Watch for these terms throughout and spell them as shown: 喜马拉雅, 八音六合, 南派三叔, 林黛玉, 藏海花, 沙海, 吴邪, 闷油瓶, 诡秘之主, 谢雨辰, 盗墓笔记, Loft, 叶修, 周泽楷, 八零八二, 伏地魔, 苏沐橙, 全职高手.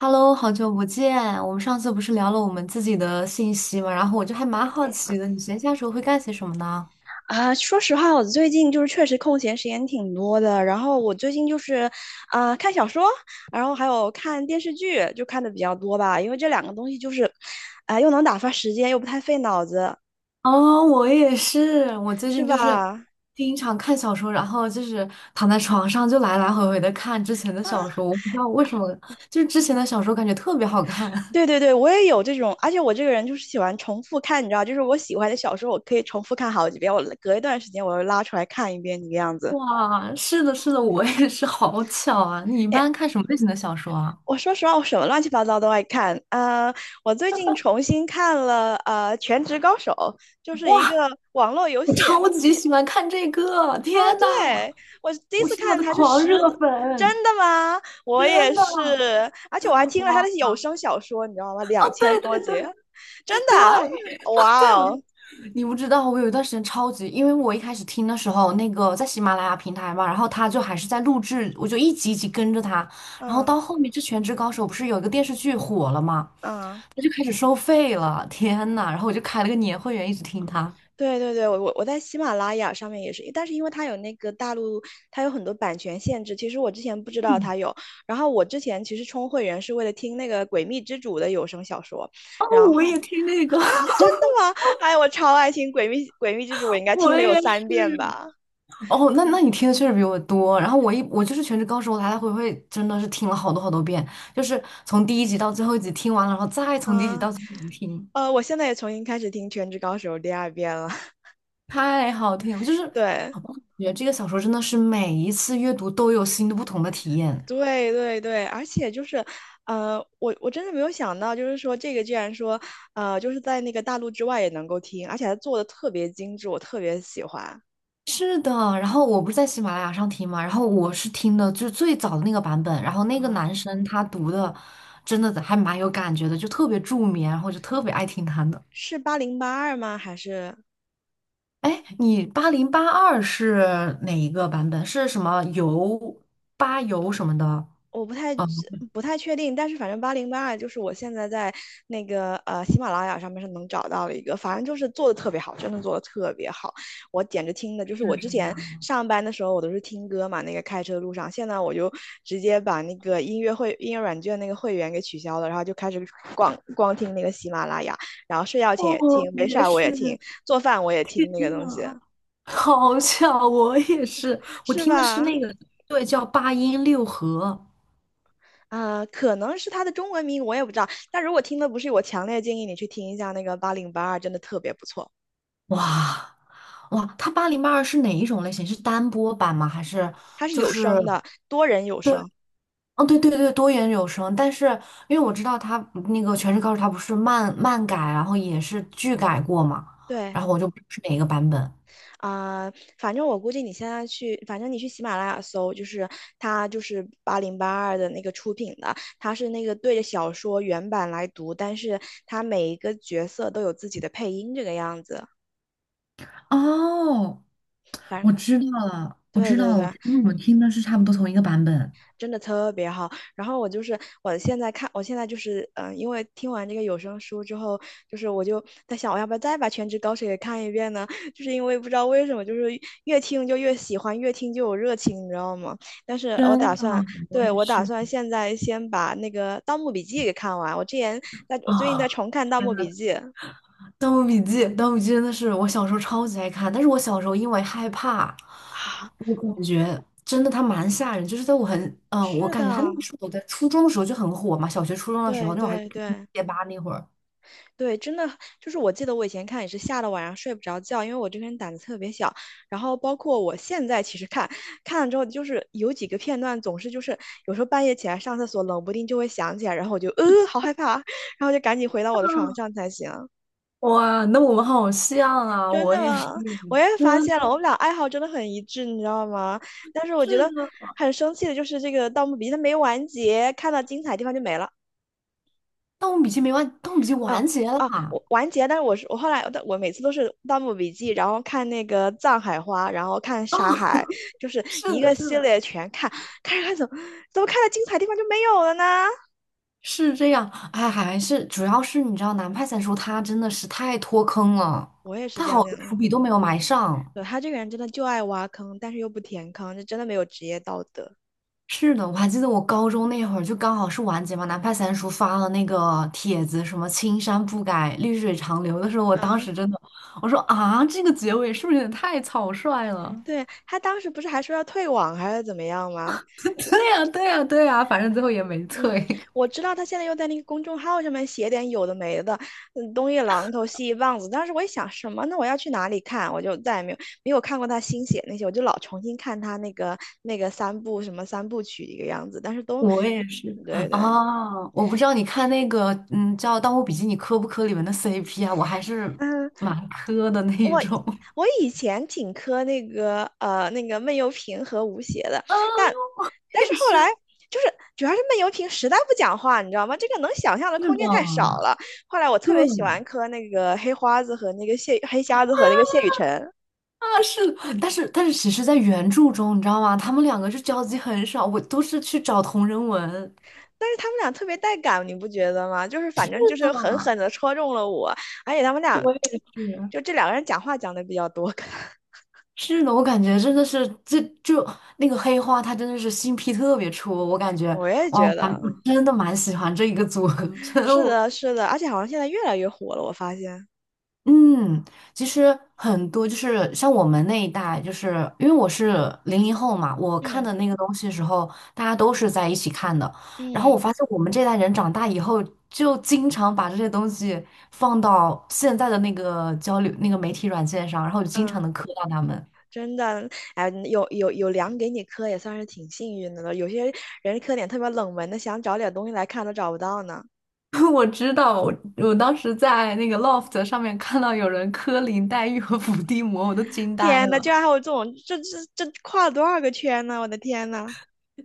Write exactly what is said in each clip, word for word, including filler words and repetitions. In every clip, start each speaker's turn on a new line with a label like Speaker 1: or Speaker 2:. Speaker 1: Hello，好久不见。我们上次不是聊了我们自己的信息嘛，然后我就还蛮好奇的，你闲暇时候会干些什么呢？
Speaker 2: 啊，说实话，我最近就是确实空闲时间挺多的。然后我最近就是，啊、看小说，然后还有看电视剧，就看的比较多吧。因为这两个东西就是，啊、又能打发时间，又不太费脑子，
Speaker 1: 哦，我也是。我最
Speaker 2: 是
Speaker 1: 近
Speaker 2: 吧？
Speaker 1: 就是
Speaker 2: 啊，
Speaker 1: 经常看小说，然后就是躺在床上就来来回回的看之前的小说。我不知道为什么，就是之前的小说感觉特别好看。
Speaker 2: 对 对对，我也有这种，而且我这个人就是喜欢重复看，你知道，就是我喜欢的小说，我可以重复看好几遍，我隔一段时间我又拉出来看一遍，这个样子。
Speaker 1: 哇，是的，是的，我也是，好巧啊！你一
Speaker 2: 哎
Speaker 1: 般看什么类型的小说啊？
Speaker 2: 我说实话，我什么乱七八糟都爱看啊、呃我最近重新看了呃《全职高手》，就是一个
Speaker 1: 哇，
Speaker 2: 网络游
Speaker 1: 我
Speaker 2: 戏。啊。
Speaker 1: 超级喜欢看这个！天呐，
Speaker 2: 对，我第一
Speaker 1: 我
Speaker 2: 次
Speaker 1: 是他
Speaker 2: 看
Speaker 1: 的
Speaker 2: 还是
Speaker 1: 狂
Speaker 2: 十，
Speaker 1: 热粉，
Speaker 2: 真的吗？我也
Speaker 1: 真的。
Speaker 2: 是，而且我还听了他的有声小说，你知道吗？
Speaker 1: 哦，
Speaker 2: 两千
Speaker 1: 对
Speaker 2: 多
Speaker 1: 对
Speaker 2: 集，
Speaker 1: 对
Speaker 2: 真的
Speaker 1: 对，
Speaker 2: 啊，
Speaker 1: 哦，
Speaker 2: 哇
Speaker 1: 对，我
Speaker 2: 哦，
Speaker 1: 就你不知道，我有一段时间超级，因为我一开始听的时候，那个在喜马拉雅平台嘛，然后他就还是在录制，我就一集一集跟着他，然后
Speaker 2: 嗯
Speaker 1: 到后面这《全职高手》不是有一个电视剧火了嘛，
Speaker 2: 嗯。
Speaker 1: 他就开始收费了，天呐，然后我就开了个年会员，一直听他。
Speaker 2: 对对对，我我我在喜马拉雅上面也是，但是因为它有那个大陆，它有很多版权限制。其实我之前不知道
Speaker 1: 嗯
Speaker 2: 它有，然后我之前其实充会员是为了听那个《诡秘之主》的有声小说，
Speaker 1: 哦，
Speaker 2: 然
Speaker 1: 我
Speaker 2: 后
Speaker 1: 也听那个，
Speaker 2: 啊，真的吗？哎，我超爱听《诡秘诡秘之主》，我 应该听
Speaker 1: 我
Speaker 2: 了有
Speaker 1: 也。
Speaker 2: 三遍吧？
Speaker 1: 哦，那那你听的确实比我多。然后我一我就是《全职高手》，我来来回回真的是听了好多好多遍，就是从第一集到最后一集听完了，然后再从第一集
Speaker 2: 啊，
Speaker 1: 到最后一集听，
Speaker 2: 呃，我现在也重新开始听《全职高手》第二遍了。
Speaker 1: 太好听了。就是
Speaker 2: 对，
Speaker 1: 觉得这个小说真的是每一次阅读都有新的不同的体验。
Speaker 2: 对对对，而且就是，呃，我我真的没有想到，就是说这个居然说，呃，就是在那个大陆之外也能够听，而且还做的特别精致，我特别喜欢
Speaker 1: 是的，然后我不是在喜马拉雅上听嘛，然后我是听的就是最早的那个版本，然后那个
Speaker 2: 啊，
Speaker 1: 男生他读的真的还蛮有感觉的，就特别助眠，然后就特别爱听他的。
Speaker 2: 是八零八二吗？还是
Speaker 1: 哎，你八零八二是哪一个版本？是什么油八油什么的？
Speaker 2: 我不太
Speaker 1: 哦，
Speaker 2: 不太确定，但是反正八零八二就是我现在在那个呃喜马拉雅上面是能找到的一个，反正就是做的特别好，真的做的特别好，我简直听的就是我
Speaker 1: 是
Speaker 2: 之
Speaker 1: 这
Speaker 2: 前
Speaker 1: 样。
Speaker 2: 上班的时候我都是听歌嘛，那个开车路上，现在我就直接把那个音乐会音乐软件那个会员给取消了，然后就开始光光听那个喜马拉雅，然后睡觉前
Speaker 1: 哦，
Speaker 2: 也听，
Speaker 1: 我
Speaker 2: 没事
Speaker 1: 也
Speaker 2: 儿我也听，
Speaker 1: 是
Speaker 2: 做饭我也
Speaker 1: 天
Speaker 2: 听那个东西，
Speaker 1: 呐 好巧，我也是，我
Speaker 2: 是
Speaker 1: 听的是
Speaker 2: 吧？
Speaker 1: 那个，对，叫八音六合。
Speaker 2: 啊，可能是它的中文名，我也不知道。但如果听的不是，我强烈建议你去听一下那个八零八二，真的特别不错，
Speaker 1: 哇哇，它八零八二是哪一种类型？是单播版吗？还是
Speaker 2: 它是
Speaker 1: 就
Speaker 2: 有
Speaker 1: 是
Speaker 2: 声的，多人有
Speaker 1: 对，
Speaker 2: 声。
Speaker 1: 哦对对对，多元有声。但是因为我知道它那个《全职高手》，它不是漫漫改，然后也是剧改过嘛，
Speaker 2: 对
Speaker 1: 然后我就不知道是哪一个版本。
Speaker 2: 啊，反正我估计你现在去，反正你去喜马拉雅搜，就是它就是八零八二的那个出品的，它是那个对着小说原版来读，但是它每一个角色都有自己的配音，这个样子。
Speaker 1: 哦，
Speaker 2: 反
Speaker 1: 我
Speaker 2: 正
Speaker 1: 知道了，我
Speaker 2: 对
Speaker 1: 知道
Speaker 2: 对
Speaker 1: 了，我
Speaker 2: 对，
Speaker 1: 听我们听的是差不多同一个版本。
Speaker 2: 真的特别好。然后我就是我现在看，我现在就是嗯、呃因为听完这个有声书之后，就是我就在想，我要不要再把《全职高手》也看一遍呢？就是因为不知道为什么，就是越听就越喜欢，越听就有热情，你知道吗？但是我
Speaker 1: 真
Speaker 2: 打
Speaker 1: 的，
Speaker 2: 算，
Speaker 1: 我
Speaker 2: 对，
Speaker 1: 也
Speaker 2: 我打
Speaker 1: 是
Speaker 2: 算现在先把那个《盗墓笔记》给看完。我之前在，我最近在
Speaker 1: 啊，
Speaker 2: 重看《盗墓笔记》
Speaker 1: 《盗墓笔记》《盗墓笔记》真的是我小时候超级爱看，但是我小时候因为害怕，
Speaker 2: 啊，
Speaker 1: 我感
Speaker 2: 我
Speaker 1: 觉真的它蛮吓人。就是在我很嗯、呃我
Speaker 2: 是
Speaker 1: 感
Speaker 2: 的，
Speaker 1: 觉它那个时候我在初中的时候就很火嘛，小学初中的时
Speaker 2: 对
Speaker 1: 候，那会儿还是
Speaker 2: 对对。
Speaker 1: 贴吧那会儿。
Speaker 2: 对，真的就是我记得我以前看也是吓得晚上睡不着觉，因为我这个人胆子特别小。然后包括我现在其实看看了之后，就是有几个片段总是就是有时候半夜起来上厕所，冷不丁就会想起来，然后我就呃好害怕，然后就赶紧回到我的床上才行。
Speaker 1: 哇，那我们好像啊，
Speaker 2: 真
Speaker 1: 我
Speaker 2: 的
Speaker 1: 也是，
Speaker 2: 吗？我也发
Speaker 1: 真
Speaker 2: 现了，我们俩爱好真的很一致，你知道吗？但是我觉
Speaker 1: 是
Speaker 2: 得
Speaker 1: 的，
Speaker 2: 很生气的就是这个《盗墓笔记》它没完结，看到精彩地方就没了。
Speaker 1: 《盗墓笔记》没完，《盗墓笔记》
Speaker 2: 啊
Speaker 1: 完结了。
Speaker 2: 啊，我完结，但是我是我后来但我每次都是《盗墓笔记》，然后看那个《藏海花》，然后看《沙海》，就是
Speaker 1: 是
Speaker 2: 一
Speaker 1: 的，
Speaker 2: 个
Speaker 1: 是
Speaker 2: 系
Speaker 1: 的。
Speaker 2: 列全看，看着看着怎么怎么看到精彩地方就没有了呢？
Speaker 1: 是这样，哎，还是主要是你知道，南派三叔他真的是太脱坑了，
Speaker 2: 我也是
Speaker 1: 他
Speaker 2: 这
Speaker 1: 好
Speaker 2: 样
Speaker 1: 多伏
Speaker 2: 想，
Speaker 1: 笔都没有埋上。
Speaker 2: 对，他这个人真的就爱挖坑，但是又不填坑，这真的没有职业道德。
Speaker 1: 是的，我还记得我高中那会儿，就刚好是完结嘛，南派三叔发了那个帖子，什么“青山不改，绿水长流”的时候，我
Speaker 2: 啊，
Speaker 1: 当时真的，我说啊，这个结尾是不是有点太草率了？
Speaker 2: 对，他当时不是还说要退网还是怎么样吗？
Speaker 1: 对呀，对呀，对呀，反正最后也没
Speaker 2: 嗯，
Speaker 1: 退。
Speaker 2: 我知道他现在又在那个公众号上面写点有的没的，嗯，东一榔头西一棒子。当时我一想，什么呢？我要去哪里看？我就再也没有没有看过他新写那些，我就老重新看他那个那个三部什么三部曲一个样子，但是都，
Speaker 1: 我也是
Speaker 2: 对对，
Speaker 1: 啊，我不知道你看那个，嗯，叫《盗墓笔记》，你磕不磕里面的 C P 啊？我还是
Speaker 2: 嗯。
Speaker 1: 蛮磕的那一
Speaker 2: 我
Speaker 1: 种。
Speaker 2: 我以前挺磕那个呃那个闷油瓶和吴邪的，但但是
Speaker 1: 也
Speaker 2: 后来
Speaker 1: 是。
Speaker 2: 就是主要是闷油瓶实在不讲话，你知道吗？这个能想象的
Speaker 1: 是
Speaker 2: 空
Speaker 1: 的，
Speaker 2: 间太少了。后来我特别喜
Speaker 1: 对
Speaker 2: 欢磕那个黑花子和那个谢黑瞎子和那个谢雨辰，
Speaker 1: 啊，是的，但是但是，其实，在原著中，你知道吗？他们两个就交集很少，我都是去找同人文。
Speaker 2: 但是他们俩特别带感，你不觉得吗？就是反
Speaker 1: 是
Speaker 2: 正就
Speaker 1: 的，
Speaker 2: 是狠狠的戳中了我，而且他们俩
Speaker 1: 我也是。
Speaker 2: 就这两个人讲话讲的比较多，
Speaker 1: 是的，我感觉真的是，这就那个黑花，他真的是新 p 特别出，我感觉
Speaker 2: 我也觉得
Speaker 1: 真的蛮喜欢这一个组合，真的
Speaker 2: 是
Speaker 1: 我。
Speaker 2: 的，是的，而且好像现在越来越火了，我发现。
Speaker 1: 嗯，其实很多就是像我们那一代，就是因为我是零零后嘛，我看
Speaker 2: 嗯
Speaker 1: 的那个东西的时候，大家都是在一起看的。然后我
Speaker 2: 嗯。
Speaker 1: 发现我们这代人长大以后，就经常把这些东西放到现在的那个交流那个媒体软件上，然后就经
Speaker 2: 嗯，
Speaker 1: 常能磕到他们。
Speaker 2: 真的，哎，有有有粮给你磕，也算是挺幸运的了。有些人磕点特别冷门的，想找点东西来看都找不到呢。
Speaker 1: 我知道，我我当时在那个 Loft 上面看到有人磕林黛玉和伏地魔，我都惊呆
Speaker 2: 天呐，居
Speaker 1: 了。
Speaker 2: 然还有这种，这这这跨了多少个圈呢？我的天呐，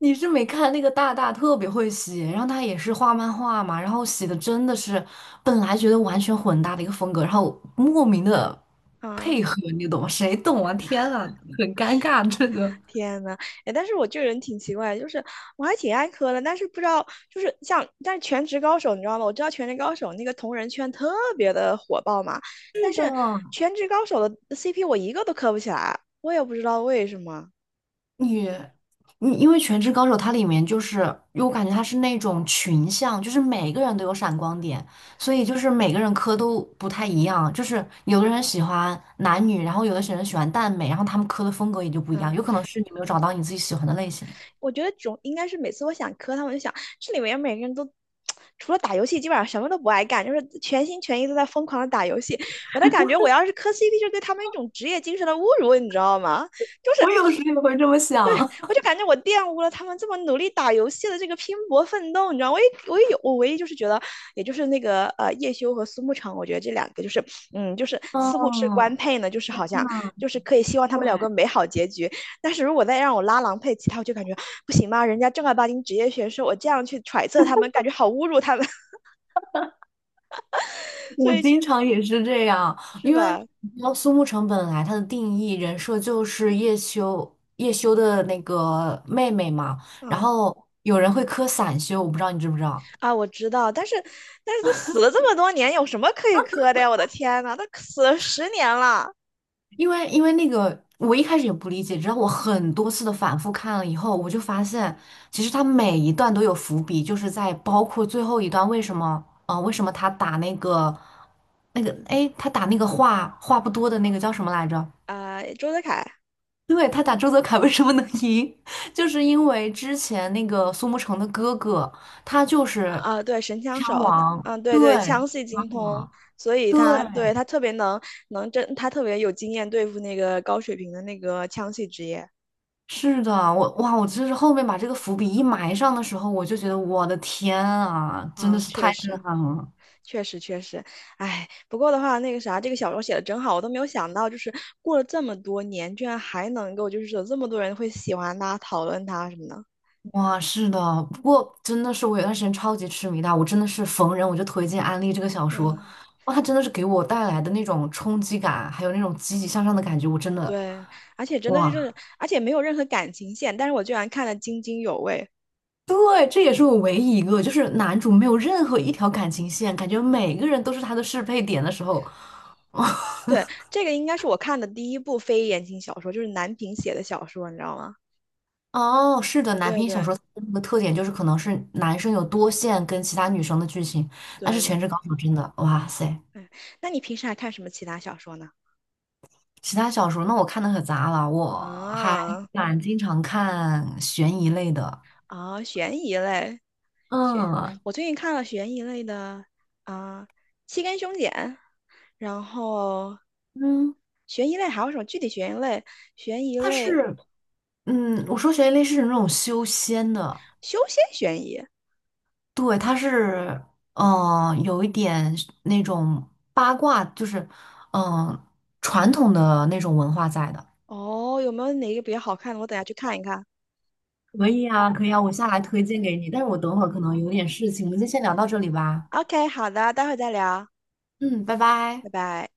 Speaker 1: 你是没看那个大大特别会写，然后他也是画漫画嘛，然后写的真的是本来觉得完全混搭的一个风格，然后莫名的
Speaker 2: 嗯，
Speaker 1: 配合，你懂吗？谁懂啊？天啊，很尴尬这个。
Speaker 2: 天呐，哎，但是我这个人挺奇怪，就是我还挺爱磕的，但是不知道，就是像，但是全职高手你知道吗？我知道全职高手那个同人圈特别的火爆嘛，
Speaker 1: 是
Speaker 2: 但是
Speaker 1: 的，
Speaker 2: 全职高手的 C P 我一个都磕不起来，我也不知道为什么。
Speaker 1: 你，你因为《全职高手》它里面就是，因为我感觉它是那种群像，就是每个人都有闪光点，所以就是每个人磕都不太一样，就是有的人喜欢男女，然后有的人喜欢耽美，然后他们磕的风格也就不一样，
Speaker 2: 啊。
Speaker 1: 有可能是你没有找到你自己喜欢的类型。
Speaker 2: 我觉得总应该是每次我想磕他们，就想这里面每个人都除了打游戏，基本上什么都不爱干，就是全心全意都在疯狂的打游戏。我的感觉，我要是磕 C P,就是对他们一种职业精神的侮辱，你知道吗？就 是
Speaker 1: 我有时也会这么想。
Speaker 2: 我 就感觉我玷污了他们这么努力打游戏的这个拼搏奋斗，你知道，我也我也有，我唯一就是觉得，也就是那个呃叶修和苏沐橙，我觉得这两个就是嗯，就是似乎是官
Speaker 1: 嗯，
Speaker 2: 配呢，就是好像
Speaker 1: 那
Speaker 2: 就是可以希望他们两
Speaker 1: 对。
Speaker 2: 个美好结局，但是如果再让我拉郎配其他，我就感觉不行吧，人家正儿八经职业选手，我这样去揣测他们，感觉好侮辱他们，所
Speaker 1: 我
Speaker 2: 以
Speaker 1: 经常也是这样，
Speaker 2: 是
Speaker 1: 因为
Speaker 2: 吧？
Speaker 1: 你知道苏沐橙本来她的定义人设就是叶修叶修的那个妹妹嘛，然
Speaker 2: 嗯
Speaker 1: 后有人会磕散修，我不知道你知不知道，
Speaker 2: 啊，我知道，但是但是都死了这么多年，有什么可以磕的呀？我的天呐，都死了十年了
Speaker 1: 因为因为那个我一开始也不理解，直到我很多次的反复看了以后，我就发现其实他每一段都有伏笔，就是在包括最后一段为什么啊、呃为什么他打那个那个哎他打那个话话不多的那个叫什么来着？
Speaker 2: 啊、呃周泽楷。
Speaker 1: 对，他打周泽楷为什么能赢？就是因为之前那个苏沐橙的哥哥，他就是
Speaker 2: 啊，对，神枪
Speaker 1: 枪
Speaker 2: 手，
Speaker 1: 王，
Speaker 2: 嗯，对对，
Speaker 1: 对，
Speaker 2: 枪系
Speaker 1: 枪
Speaker 2: 精通，
Speaker 1: 王，
Speaker 2: 所以
Speaker 1: 对，
Speaker 2: 他对他特别能能真，他特别有经验对付那个高水平的那个枪系职业。
Speaker 1: 是的，我哇，我真是后面把这个伏笔一埋上的时候，我就觉得我的天啊，真的
Speaker 2: 啊，
Speaker 1: 是
Speaker 2: 确
Speaker 1: 太震
Speaker 2: 实，
Speaker 1: 撼了。
Speaker 2: 确实，确实，哎，不过的话，那个啥，这个小说写的真好，我都没有想到，就是过了这么多年，居然还能够，就是有这么多人会喜欢他、讨论他什么的。
Speaker 1: 哇，是的，不过真的是我有段时间超级痴迷他，我真的是逢人我就推荐安利这个小说，
Speaker 2: 嗯，
Speaker 1: 哇，他真的是给我带来的那种冲击感，还有那种积极向上的感觉，我真的
Speaker 2: 对，而且真的是
Speaker 1: 哇。
Speaker 2: 就是，而且没有任何感情线，但是我居然看得津津有味。
Speaker 1: 对，这也是我唯一一个，就是男主没有任何一条感情线，感觉每个人都是他的适配点的时候。
Speaker 2: 对，这个应该是我看的第一部非言情小说，就是南平写的小说，你知道吗？
Speaker 1: 哦，是的，男
Speaker 2: 对
Speaker 1: 频小
Speaker 2: 对
Speaker 1: 说它的那个特点就是可能是男生有多线跟其他女生的剧情，但是
Speaker 2: 对
Speaker 1: 《全
Speaker 2: 对，
Speaker 1: 职高手》真的，哇塞！
Speaker 2: 哎，那你平时还看什么其他小说呢？
Speaker 1: 其他小说那我看的可杂了，我还
Speaker 2: 啊
Speaker 1: 蛮经常看悬疑类的。
Speaker 2: 啊，悬疑类，悬，
Speaker 1: 嗯
Speaker 2: 我最近看了悬疑类的啊，《七根凶简然后
Speaker 1: 嗯，
Speaker 2: 悬疑类还有什么具体悬疑类？悬疑
Speaker 1: 它
Speaker 2: 类，
Speaker 1: 是，嗯，我说悬疑类是那种修仙的，
Speaker 2: 修仙悬疑。
Speaker 1: 对，它是，嗯、有一点那种八卦，就是，嗯、传统的那种文化在的。
Speaker 2: 哦，有没有哪个比较好看的？我等下去看一看。
Speaker 1: 可以啊，可以啊，我下来推荐给你，但是我等会儿可能有点事情，我们就先聊到这里吧。
Speaker 2: OK,好的，待会儿再聊，
Speaker 1: 嗯，拜
Speaker 2: 拜
Speaker 1: 拜。
Speaker 2: 拜。